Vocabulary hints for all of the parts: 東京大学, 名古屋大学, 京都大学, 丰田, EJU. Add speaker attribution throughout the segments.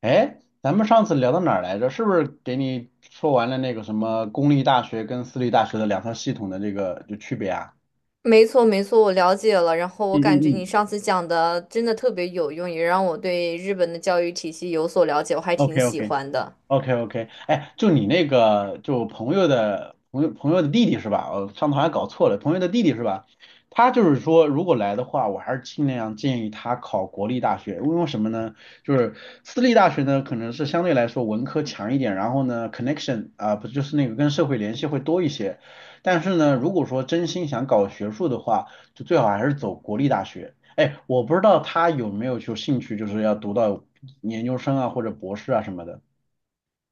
Speaker 1: 哎，咱们上次聊到哪儿来着？是不是给你说完了那个什么公立大学跟私立大学的两套系统的这个就区别啊？
Speaker 2: 没错，没错，我了解了。然后我
Speaker 1: 嗯
Speaker 2: 感
Speaker 1: 嗯
Speaker 2: 觉你
Speaker 1: 嗯
Speaker 2: 上次讲的真的特别有用，也让我对日本的教育体系有所了解，我还挺
Speaker 1: ，OK
Speaker 2: 喜
Speaker 1: OK。
Speaker 2: 欢的。
Speaker 1: OK OK，哎，就你那个，就朋友的弟弟是吧？我上头还搞错了，朋友的弟弟是吧？他就是说，如果来的话，我还是尽量建议他考国立大学，因为什么呢？就是私立大学呢，可能是相对来说文科强一点，然后呢，connection 啊、不就是那个跟社会联系会多一些。但是呢，如果说真心想搞学术的话，就最好还是走国立大学。哎，我不知道他有没有就兴趣，就是要读到研究生啊或者博士啊什么的。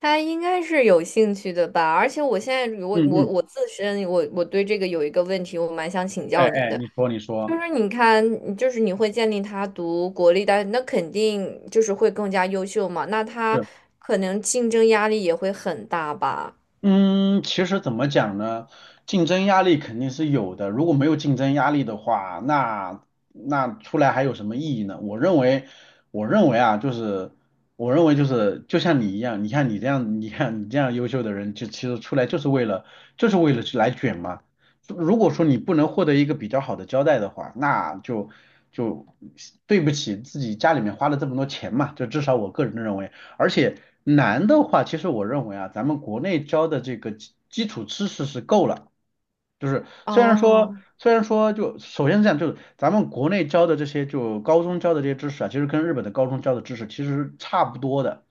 Speaker 2: 他应该是有兴趣的吧？而且我现在我
Speaker 1: 嗯
Speaker 2: 我
Speaker 1: 嗯，
Speaker 2: 我自身对这个有一个问题，我蛮想请
Speaker 1: 哎
Speaker 2: 教您
Speaker 1: 哎，
Speaker 2: 的。
Speaker 1: 你说你
Speaker 2: 就
Speaker 1: 说，
Speaker 2: 是你看，就是你会建议他读国立大学，那肯定就是会更加优秀嘛，那他
Speaker 1: 是，
Speaker 2: 可能竞争压力也会很大吧？
Speaker 1: 嗯，其实怎么讲呢？竞争压力肯定是有的，如果没有竞争压力的话，那出来还有什么意义呢？我认为啊，就是我认为就像你一样，你看你这样优秀的人，就其实出来就是为了去来卷嘛。如果说你不能获得一个比较好的交代的话，那就对不起自己家里面花了这么多钱嘛，就至少我个人认为。而且难的话，其实我认为啊，咱们国内教的这个基础知识是够了。就是虽然说，
Speaker 2: 哦。
Speaker 1: 虽然说就首先是这样，就是咱们国内教的这些，就高中教的这些知识啊，其实跟日本的高中教的知识其实是差不多的，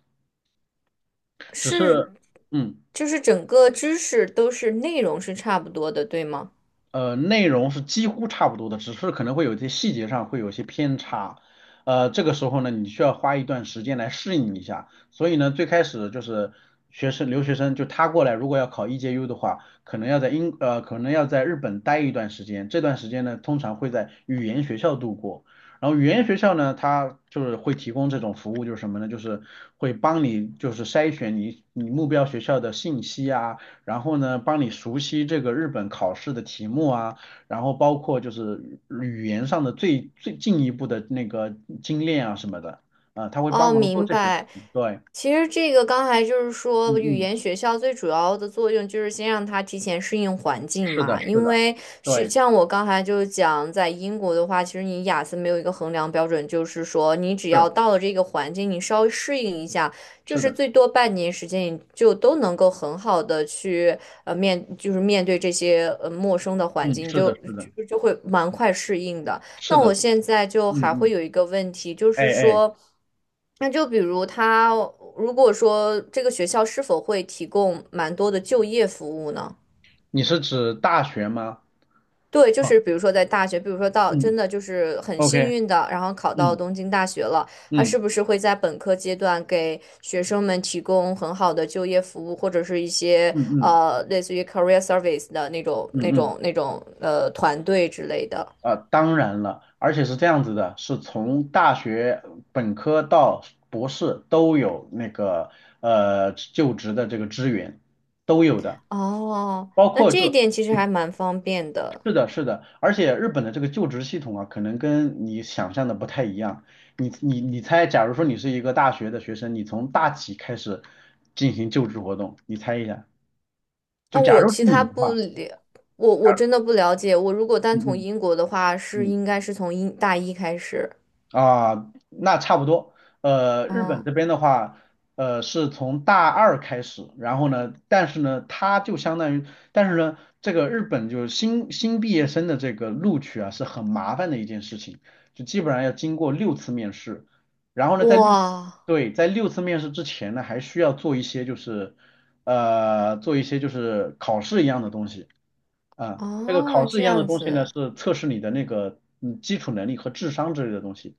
Speaker 1: 只
Speaker 2: 是。
Speaker 1: 是嗯。
Speaker 2: 就是整个知识都是内容是差不多的，对吗？
Speaker 1: 呃，内容是几乎差不多的，只是可能会有一些细节上会有一些偏差。呃，这个时候呢，你需要花一段时间来适应一下。所以呢，最开始就是学生留学生就他过来，如果要考 EJU 的话，可能要在日本待一段时间。这段时间呢，通常会在语言学校度过。然后语言学校呢，它就是会提供这种服务，就是什么呢？就是会帮你就是筛选你你目标学校的信息啊。然后呢，帮你熟悉这个日本考试的题目啊，然后包括就是语言上的最进一步的那个精炼啊什么的，啊、他会帮
Speaker 2: 哦，
Speaker 1: 忙做
Speaker 2: 明
Speaker 1: 这些事
Speaker 2: 白。
Speaker 1: 情。对，
Speaker 2: 其实这个刚才就是
Speaker 1: 嗯
Speaker 2: 说，语
Speaker 1: 嗯，
Speaker 2: 言学校最主要的作用就是先让他提前适应环境
Speaker 1: 是的，
Speaker 2: 嘛。
Speaker 1: 是
Speaker 2: 因
Speaker 1: 的，
Speaker 2: 为是
Speaker 1: 对，
Speaker 2: 像我刚才就讲，在英国的话，其实你雅思没有一个衡量标准，就是说你只要
Speaker 1: 是
Speaker 2: 到了这个环境，你稍微适应一下，就
Speaker 1: 是
Speaker 2: 是
Speaker 1: 的，
Speaker 2: 最多半年时间，你就都能够很好的去就是面对这些陌生的环
Speaker 1: 嗯，
Speaker 2: 境，你
Speaker 1: 是
Speaker 2: 就
Speaker 1: 的，是的，
Speaker 2: 就就会蛮快适应的。
Speaker 1: 是
Speaker 2: 那
Speaker 1: 的，
Speaker 2: 我现在就
Speaker 1: 嗯
Speaker 2: 还会
Speaker 1: 嗯，
Speaker 2: 有一个问题，就
Speaker 1: 哎
Speaker 2: 是
Speaker 1: 哎，
Speaker 2: 说。那就比如他如果说这个学校是否会提供蛮多的就业服务呢？
Speaker 1: 你是指大学吗？
Speaker 2: 对，就
Speaker 1: 啊，
Speaker 2: 是比如说在大学，比如说到真
Speaker 1: 嗯
Speaker 2: 的就是很幸
Speaker 1: ，OK，
Speaker 2: 运的，然后考到
Speaker 1: 嗯
Speaker 2: 东京大学了，他
Speaker 1: 嗯
Speaker 2: 是不是会在本科阶段给学生们提供很好的就业服务，或者是一些
Speaker 1: 嗯嗯
Speaker 2: 类似于 career service 的那种
Speaker 1: 嗯嗯
Speaker 2: 那
Speaker 1: 嗯。
Speaker 2: 种那种团队之类的？
Speaker 1: 当然了，而且是这样子的，是从大学本科到博士都有那个就职的这个资源，都有的，
Speaker 2: 哦，
Speaker 1: 包
Speaker 2: 那
Speaker 1: 括
Speaker 2: 这一
Speaker 1: 就
Speaker 2: 点其实
Speaker 1: 嗯，
Speaker 2: 还蛮方便的。
Speaker 1: 是的，是的，而且日本的这个就职系统啊，可能跟你想象的不太一样。你猜，假如说你是一个大学的学生，你从大几开始进行就职活动？你猜一下，就
Speaker 2: 那
Speaker 1: 假
Speaker 2: 我
Speaker 1: 如是
Speaker 2: 其他
Speaker 1: 你的
Speaker 2: 不
Speaker 1: 话，
Speaker 2: 了，我真的不了解。我如果
Speaker 1: 嗯
Speaker 2: 单从
Speaker 1: 嗯
Speaker 2: 英国的话，是
Speaker 1: 嗯
Speaker 2: 应该是从大一开始。
Speaker 1: 啊，那差不多。日本
Speaker 2: 嗯，
Speaker 1: 这边的话，是从大二开始，然后呢，但是呢，它就相当于，但是呢，这个日本就是新毕业生的这个录取啊，是很麻烦的一件事情，就基本上要经过六次面试，然后呢，
Speaker 2: 哇，
Speaker 1: 对，在六次面试之前呢，还需要做一些就是考试一样的东西啊，这个考
Speaker 2: 哦，
Speaker 1: 试一
Speaker 2: 这
Speaker 1: 样的
Speaker 2: 样
Speaker 1: 东西呢，
Speaker 2: 子。
Speaker 1: 是测试你的那个基础能力和智商之类的东西。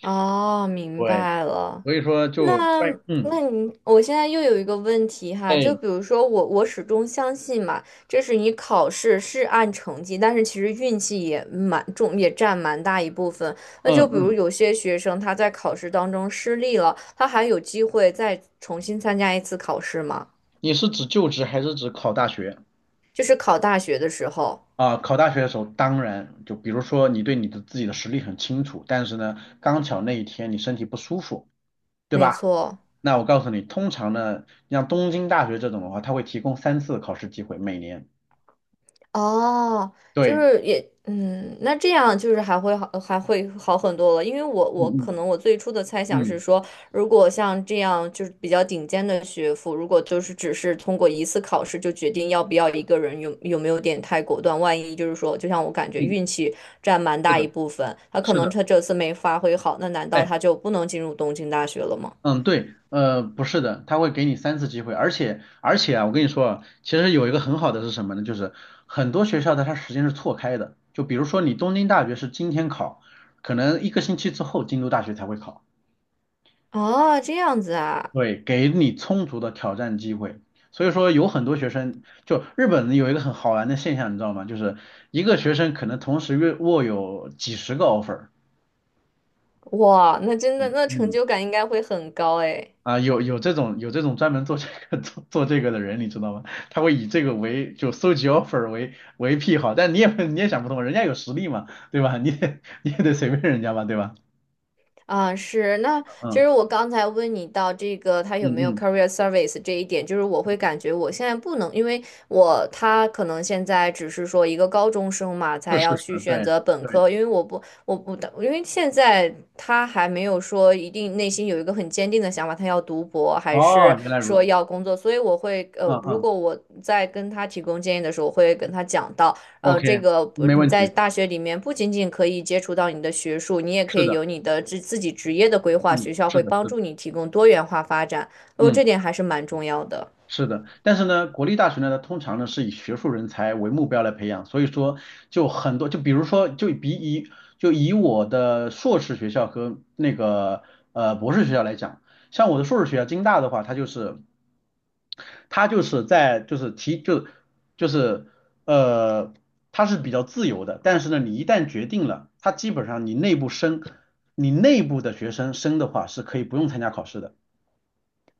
Speaker 2: 哦，明
Speaker 1: 对，
Speaker 2: 白了。
Speaker 1: 所以说就
Speaker 2: 那
Speaker 1: 关，嗯，
Speaker 2: 那你，我现在又有一个问题哈。就
Speaker 1: 哎，
Speaker 2: 比如说我始终相信嘛，这是你考试是按成绩，但是其实运气也蛮重，也占蛮大一部分。那
Speaker 1: 嗯
Speaker 2: 就比如
Speaker 1: 嗯，
Speaker 2: 有些学生他在考试当中失利了，他还有机会再重新参加一次考试吗？
Speaker 1: 你是指就职还是指考大学？
Speaker 2: 就是考大学的时候。
Speaker 1: 啊，考大学的时候，当然就比如说你对你的自己的实力很清楚，但是呢，刚巧那一天你身体不舒服，对
Speaker 2: 没
Speaker 1: 吧？
Speaker 2: 错。
Speaker 1: 那我告诉你，通常呢，像东京大学这种的话，它会提供三次考试机会，每年。
Speaker 2: 哦，就
Speaker 1: 对，
Speaker 2: 是也。嗯，那这样就是还会好，还会好很多了。因为我
Speaker 1: 嗯
Speaker 2: 我可能我最初的猜
Speaker 1: 嗯
Speaker 2: 想是
Speaker 1: 嗯
Speaker 2: 说，如果像这样就是比较顶尖的学府，如果就是只是通过一次考试就决定要不要一个人有没有点太果断，万一就是说，就像我感觉
Speaker 1: 嗯，
Speaker 2: 运气占蛮
Speaker 1: 是
Speaker 2: 大
Speaker 1: 的，
Speaker 2: 一部分，他可
Speaker 1: 是
Speaker 2: 能
Speaker 1: 的。
Speaker 2: 他这次没发挥好，那难道
Speaker 1: 哎。
Speaker 2: 他就不能进入东京大学了吗？
Speaker 1: 嗯，对，呃，不是的，他会给你三次机会，而且啊，我跟你说啊，其实有一个很好的是什么呢？就是很多学校的它时间是错开的，就比如说你东京大学是今天考，可能一个星期之后京都大学才会考，
Speaker 2: 哦，这样子啊。
Speaker 1: 对，给你充足的挑战机会。所以说有很多学生，就日本有一个很好玩的现象，你知道吗？就是一个学生可能同时约握有几十个 offer，
Speaker 2: 哇，那真的那成
Speaker 1: 嗯。
Speaker 2: 就感应该会很高诶。
Speaker 1: 啊，有这种专门做这个 做这个的人，你知道吗？他会以这个为就搜集 offer 为癖好，但你也 你也想不通，人家有实力嘛，对吧？你得 你也得随便人家吧，对吧？
Speaker 2: 啊，是。那其
Speaker 1: 嗯
Speaker 2: 实我刚才问你到这个他
Speaker 1: 嗯
Speaker 2: 有没有
Speaker 1: 嗯，
Speaker 2: career service 这一点，就是我会感觉我现在不能，因为我他可能现在只是说一个高中生嘛，
Speaker 1: 是
Speaker 2: 才
Speaker 1: 是
Speaker 2: 要
Speaker 1: 是，
Speaker 2: 去选
Speaker 1: 对
Speaker 2: 择本
Speaker 1: 对，
Speaker 2: 科，因为我不我不因为现在他还没有说一定内心有一个很坚定的想法，他要读博还是
Speaker 1: 哦，原来如
Speaker 2: 说
Speaker 1: 此，
Speaker 2: 要工作，所以我会
Speaker 1: 嗯
Speaker 2: 如
Speaker 1: 嗯
Speaker 2: 果我在跟他提供建议的时候，我会跟他讲到。这
Speaker 1: ，OK，
Speaker 2: 个不
Speaker 1: 没
Speaker 2: 你
Speaker 1: 问
Speaker 2: 在
Speaker 1: 题，
Speaker 2: 大学里面不仅仅可以接触到你的学术，你也可
Speaker 1: 是
Speaker 2: 以
Speaker 1: 的，
Speaker 2: 有你的自己职业的规划，
Speaker 1: 嗯，
Speaker 2: 学校
Speaker 1: 是
Speaker 2: 会
Speaker 1: 的，
Speaker 2: 帮
Speaker 1: 是的，
Speaker 2: 助你提供多元化发展。哦，
Speaker 1: 嗯。
Speaker 2: 这点还是蛮重要的。
Speaker 1: 是的，但是呢，国立大学呢，它通常呢是以学术人才为目标来培养，所以说就很多，就比如说，就以我的硕士学校和那个博士学校来讲，像我的硕士学校京大的话，它就是它就是在就是提就就是呃它是比较自由的，但是呢，你一旦决定了，它基本上你内部的学生升的话是可以不用参加考试的。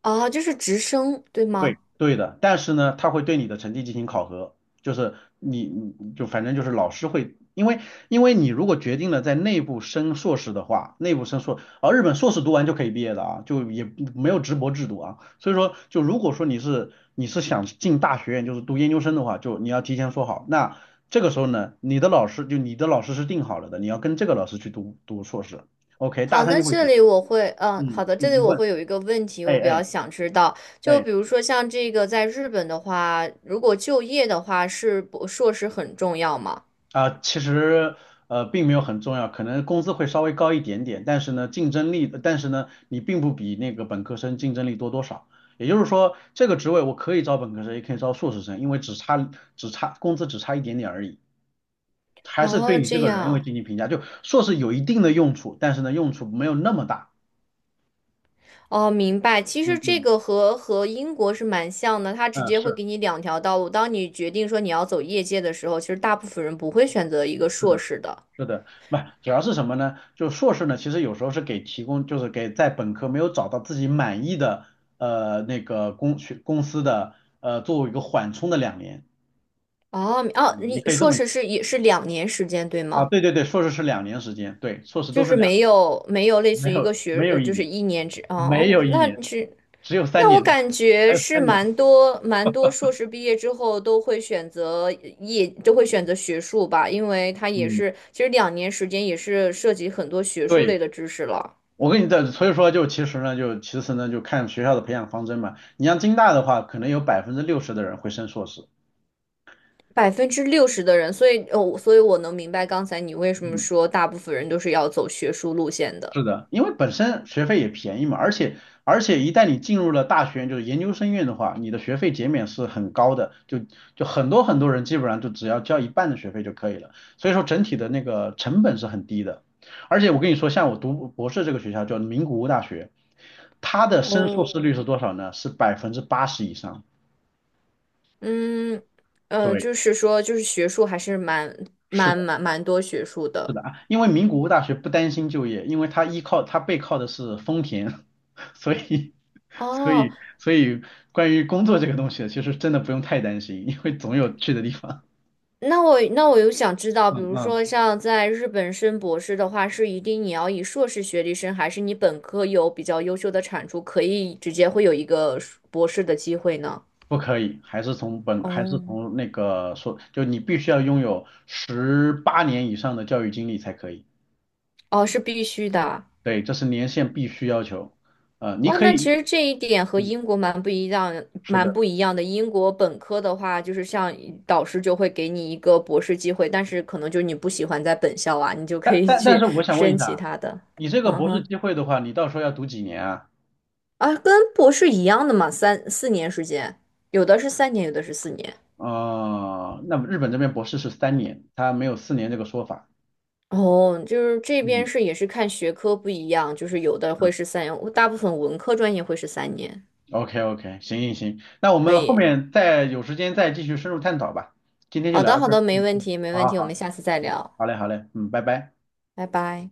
Speaker 2: 哦，就是直升，对
Speaker 1: 对，
Speaker 2: 吗？
Speaker 1: 对的，但是呢，他会对你的成绩进行考核，就是你就反正就是老师会，因为你如果决定了在内部升硕士的话，内部升硕，而日本硕士读完就可以毕业的啊，就也没有直博制度啊，所以说就如果说你是想进大学院，就是读研究生的话，就你要提前说好，那这个时候呢，你的老师是定好了的，你要跟这个老师去读读硕士，OK，大
Speaker 2: 好，
Speaker 1: 三
Speaker 2: 那
Speaker 1: 就会决
Speaker 2: 这
Speaker 1: 定，
Speaker 2: 里我会，嗯，
Speaker 1: 嗯，
Speaker 2: 好的，
Speaker 1: 你
Speaker 2: 这里
Speaker 1: 你
Speaker 2: 我
Speaker 1: 问，
Speaker 2: 会有一个问题，
Speaker 1: 哎
Speaker 2: 我比较
Speaker 1: 哎。
Speaker 2: 想知道，就
Speaker 1: 哎
Speaker 2: 比如说像这个在日本的话，如果就业的话，是博硕士很重要吗？
Speaker 1: 啊，其实并没有很重要，可能工资会稍微高一点点，但是呢竞争力，但是呢你并不比那个本科生竞争力多多少。也就是说，这个职位我可以招本科生，也可以招硕士生，因为只差工资只差一点点而已，还是对
Speaker 2: 哦，
Speaker 1: 你这
Speaker 2: 这
Speaker 1: 个人会
Speaker 2: 样。
Speaker 1: 进行评价。就硕士有一定的用处，但是呢用处没有那么大。
Speaker 2: 哦，明白。其实
Speaker 1: 嗯
Speaker 2: 这
Speaker 1: 嗯
Speaker 2: 个和英国是蛮像的，它直
Speaker 1: 嗯，
Speaker 2: 接会
Speaker 1: 是
Speaker 2: 给你两条道路。当你决定说你要走业界的时候，其实大部分人不会选择一个
Speaker 1: 是
Speaker 2: 硕
Speaker 1: 的。
Speaker 2: 士的。
Speaker 1: 是的，不，主要是什么呢？就硕士呢，其实有时候是给提供，就是给在本科没有找到自己满意的那个公司的作为一个缓冲的两年，
Speaker 2: 哦哦，
Speaker 1: 嗯你
Speaker 2: 你
Speaker 1: 可以这
Speaker 2: 硕
Speaker 1: 么理解
Speaker 2: 士是也是两年时间，对
Speaker 1: 啊，
Speaker 2: 吗？
Speaker 1: 对对对，硕士是两年时间，对，硕士
Speaker 2: 就
Speaker 1: 都是
Speaker 2: 是
Speaker 1: 两，
Speaker 2: 没有没有类
Speaker 1: 没
Speaker 2: 似于一
Speaker 1: 有
Speaker 2: 个
Speaker 1: 没有一
Speaker 2: 就是
Speaker 1: 年，
Speaker 2: 1年制
Speaker 1: 没
Speaker 2: 哦。
Speaker 1: 有一年，只有三
Speaker 2: 那我
Speaker 1: 年，
Speaker 2: 感
Speaker 1: 还
Speaker 2: 觉
Speaker 1: 有
Speaker 2: 是
Speaker 1: 三年，
Speaker 2: 蛮多硕士毕业之后都会选择业，都会选择学术吧，因为它也
Speaker 1: 嗯，
Speaker 2: 是其实两年时间也是涉及很多学术
Speaker 1: 对，
Speaker 2: 类的知识了。
Speaker 1: 我跟你的，所以说就其实呢，就看学校的培养方针嘛，你像京大的话，可能有60%的人会升硕士，
Speaker 2: 60%的人，所以哦，所以我能明白刚才你为什么
Speaker 1: 嗯。
Speaker 2: 说大部分人都是要走学术路线的。
Speaker 1: 是的，因为本身学费也便宜嘛，而且一旦你进入了大学就是研究生院的话，你的学费减免是很高的，就很多很多人基本上就只要交一半的学费就可以了，所以说整体的那个成本是很低的。而且我跟你说，像我读博士这个学校叫名古屋大学，它的升
Speaker 2: 哦，
Speaker 1: 硕士率是多少呢？是80%以上。
Speaker 2: 嗯，
Speaker 1: 对，
Speaker 2: 就是说，就是学术还是蛮蛮
Speaker 1: 是
Speaker 2: 蛮蛮多学术
Speaker 1: 是
Speaker 2: 的。
Speaker 1: 的啊，因为名古屋大学不担心就业，因为它依靠它背靠的是丰田，所以所
Speaker 2: 哦，
Speaker 1: 以所以关于工作这个东西，其实真的不用太担心，因为总有去的地方。
Speaker 2: 那我有想知道，
Speaker 1: 嗯
Speaker 2: 比如
Speaker 1: 嗯，
Speaker 2: 说像在日本升博士的话，是一定你要以硕士学历升，还是你本科有比较优秀的产出，可以直接会有一个硕博士的机会呢？
Speaker 1: 不可以，还
Speaker 2: 哦，
Speaker 1: 是从那个说，就你必须要拥有18年以上的教育经历才可以。
Speaker 2: 哦，是必须的啊。
Speaker 1: 对，这是年限必须要求。你
Speaker 2: 哇，
Speaker 1: 可
Speaker 2: 那其
Speaker 1: 以，
Speaker 2: 实这一点和英国蛮不一样，
Speaker 1: 是
Speaker 2: 蛮
Speaker 1: 的，
Speaker 2: 不一样的。英国本科的话，就是像导师就会给你一个博士机会，但是可能就你不喜欢在本校啊，你就可
Speaker 1: 但
Speaker 2: 以
Speaker 1: 但但
Speaker 2: 去
Speaker 1: 是我 想问一
Speaker 2: 申其
Speaker 1: 下，
Speaker 2: 他的。
Speaker 1: 你这个
Speaker 2: 嗯
Speaker 1: 博士
Speaker 2: 哼，
Speaker 1: 机会的话，你到时候要读几年啊？
Speaker 2: 啊，跟博士一样的嘛，3、4年时间，有的是三年，有的是四年。
Speaker 1: 哦，那么日本这边博士是三年，他没有4年这个说法。
Speaker 2: 哦，就是这边
Speaker 1: 嗯
Speaker 2: 是也是看学科不一样，就是有的会是三年，大部分文科专业会是三年。
Speaker 1: ，OK OK，行行行，那我
Speaker 2: 可
Speaker 1: 们后
Speaker 2: 以，
Speaker 1: 面再有时间再继续深入探讨吧。今天就
Speaker 2: 好
Speaker 1: 聊
Speaker 2: 的，
Speaker 1: 到
Speaker 2: 好
Speaker 1: 这儿。
Speaker 2: 的，没
Speaker 1: 嗯
Speaker 2: 问
Speaker 1: 嗯，
Speaker 2: 题，没
Speaker 1: 好
Speaker 2: 问
Speaker 1: 好
Speaker 2: 题，我
Speaker 1: 好，
Speaker 2: 们下次再
Speaker 1: 嗯，
Speaker 2: 聊，
Speaker 1: 好嘞好嘞，嗯，拜拜。
Speaker 2: 拜拜。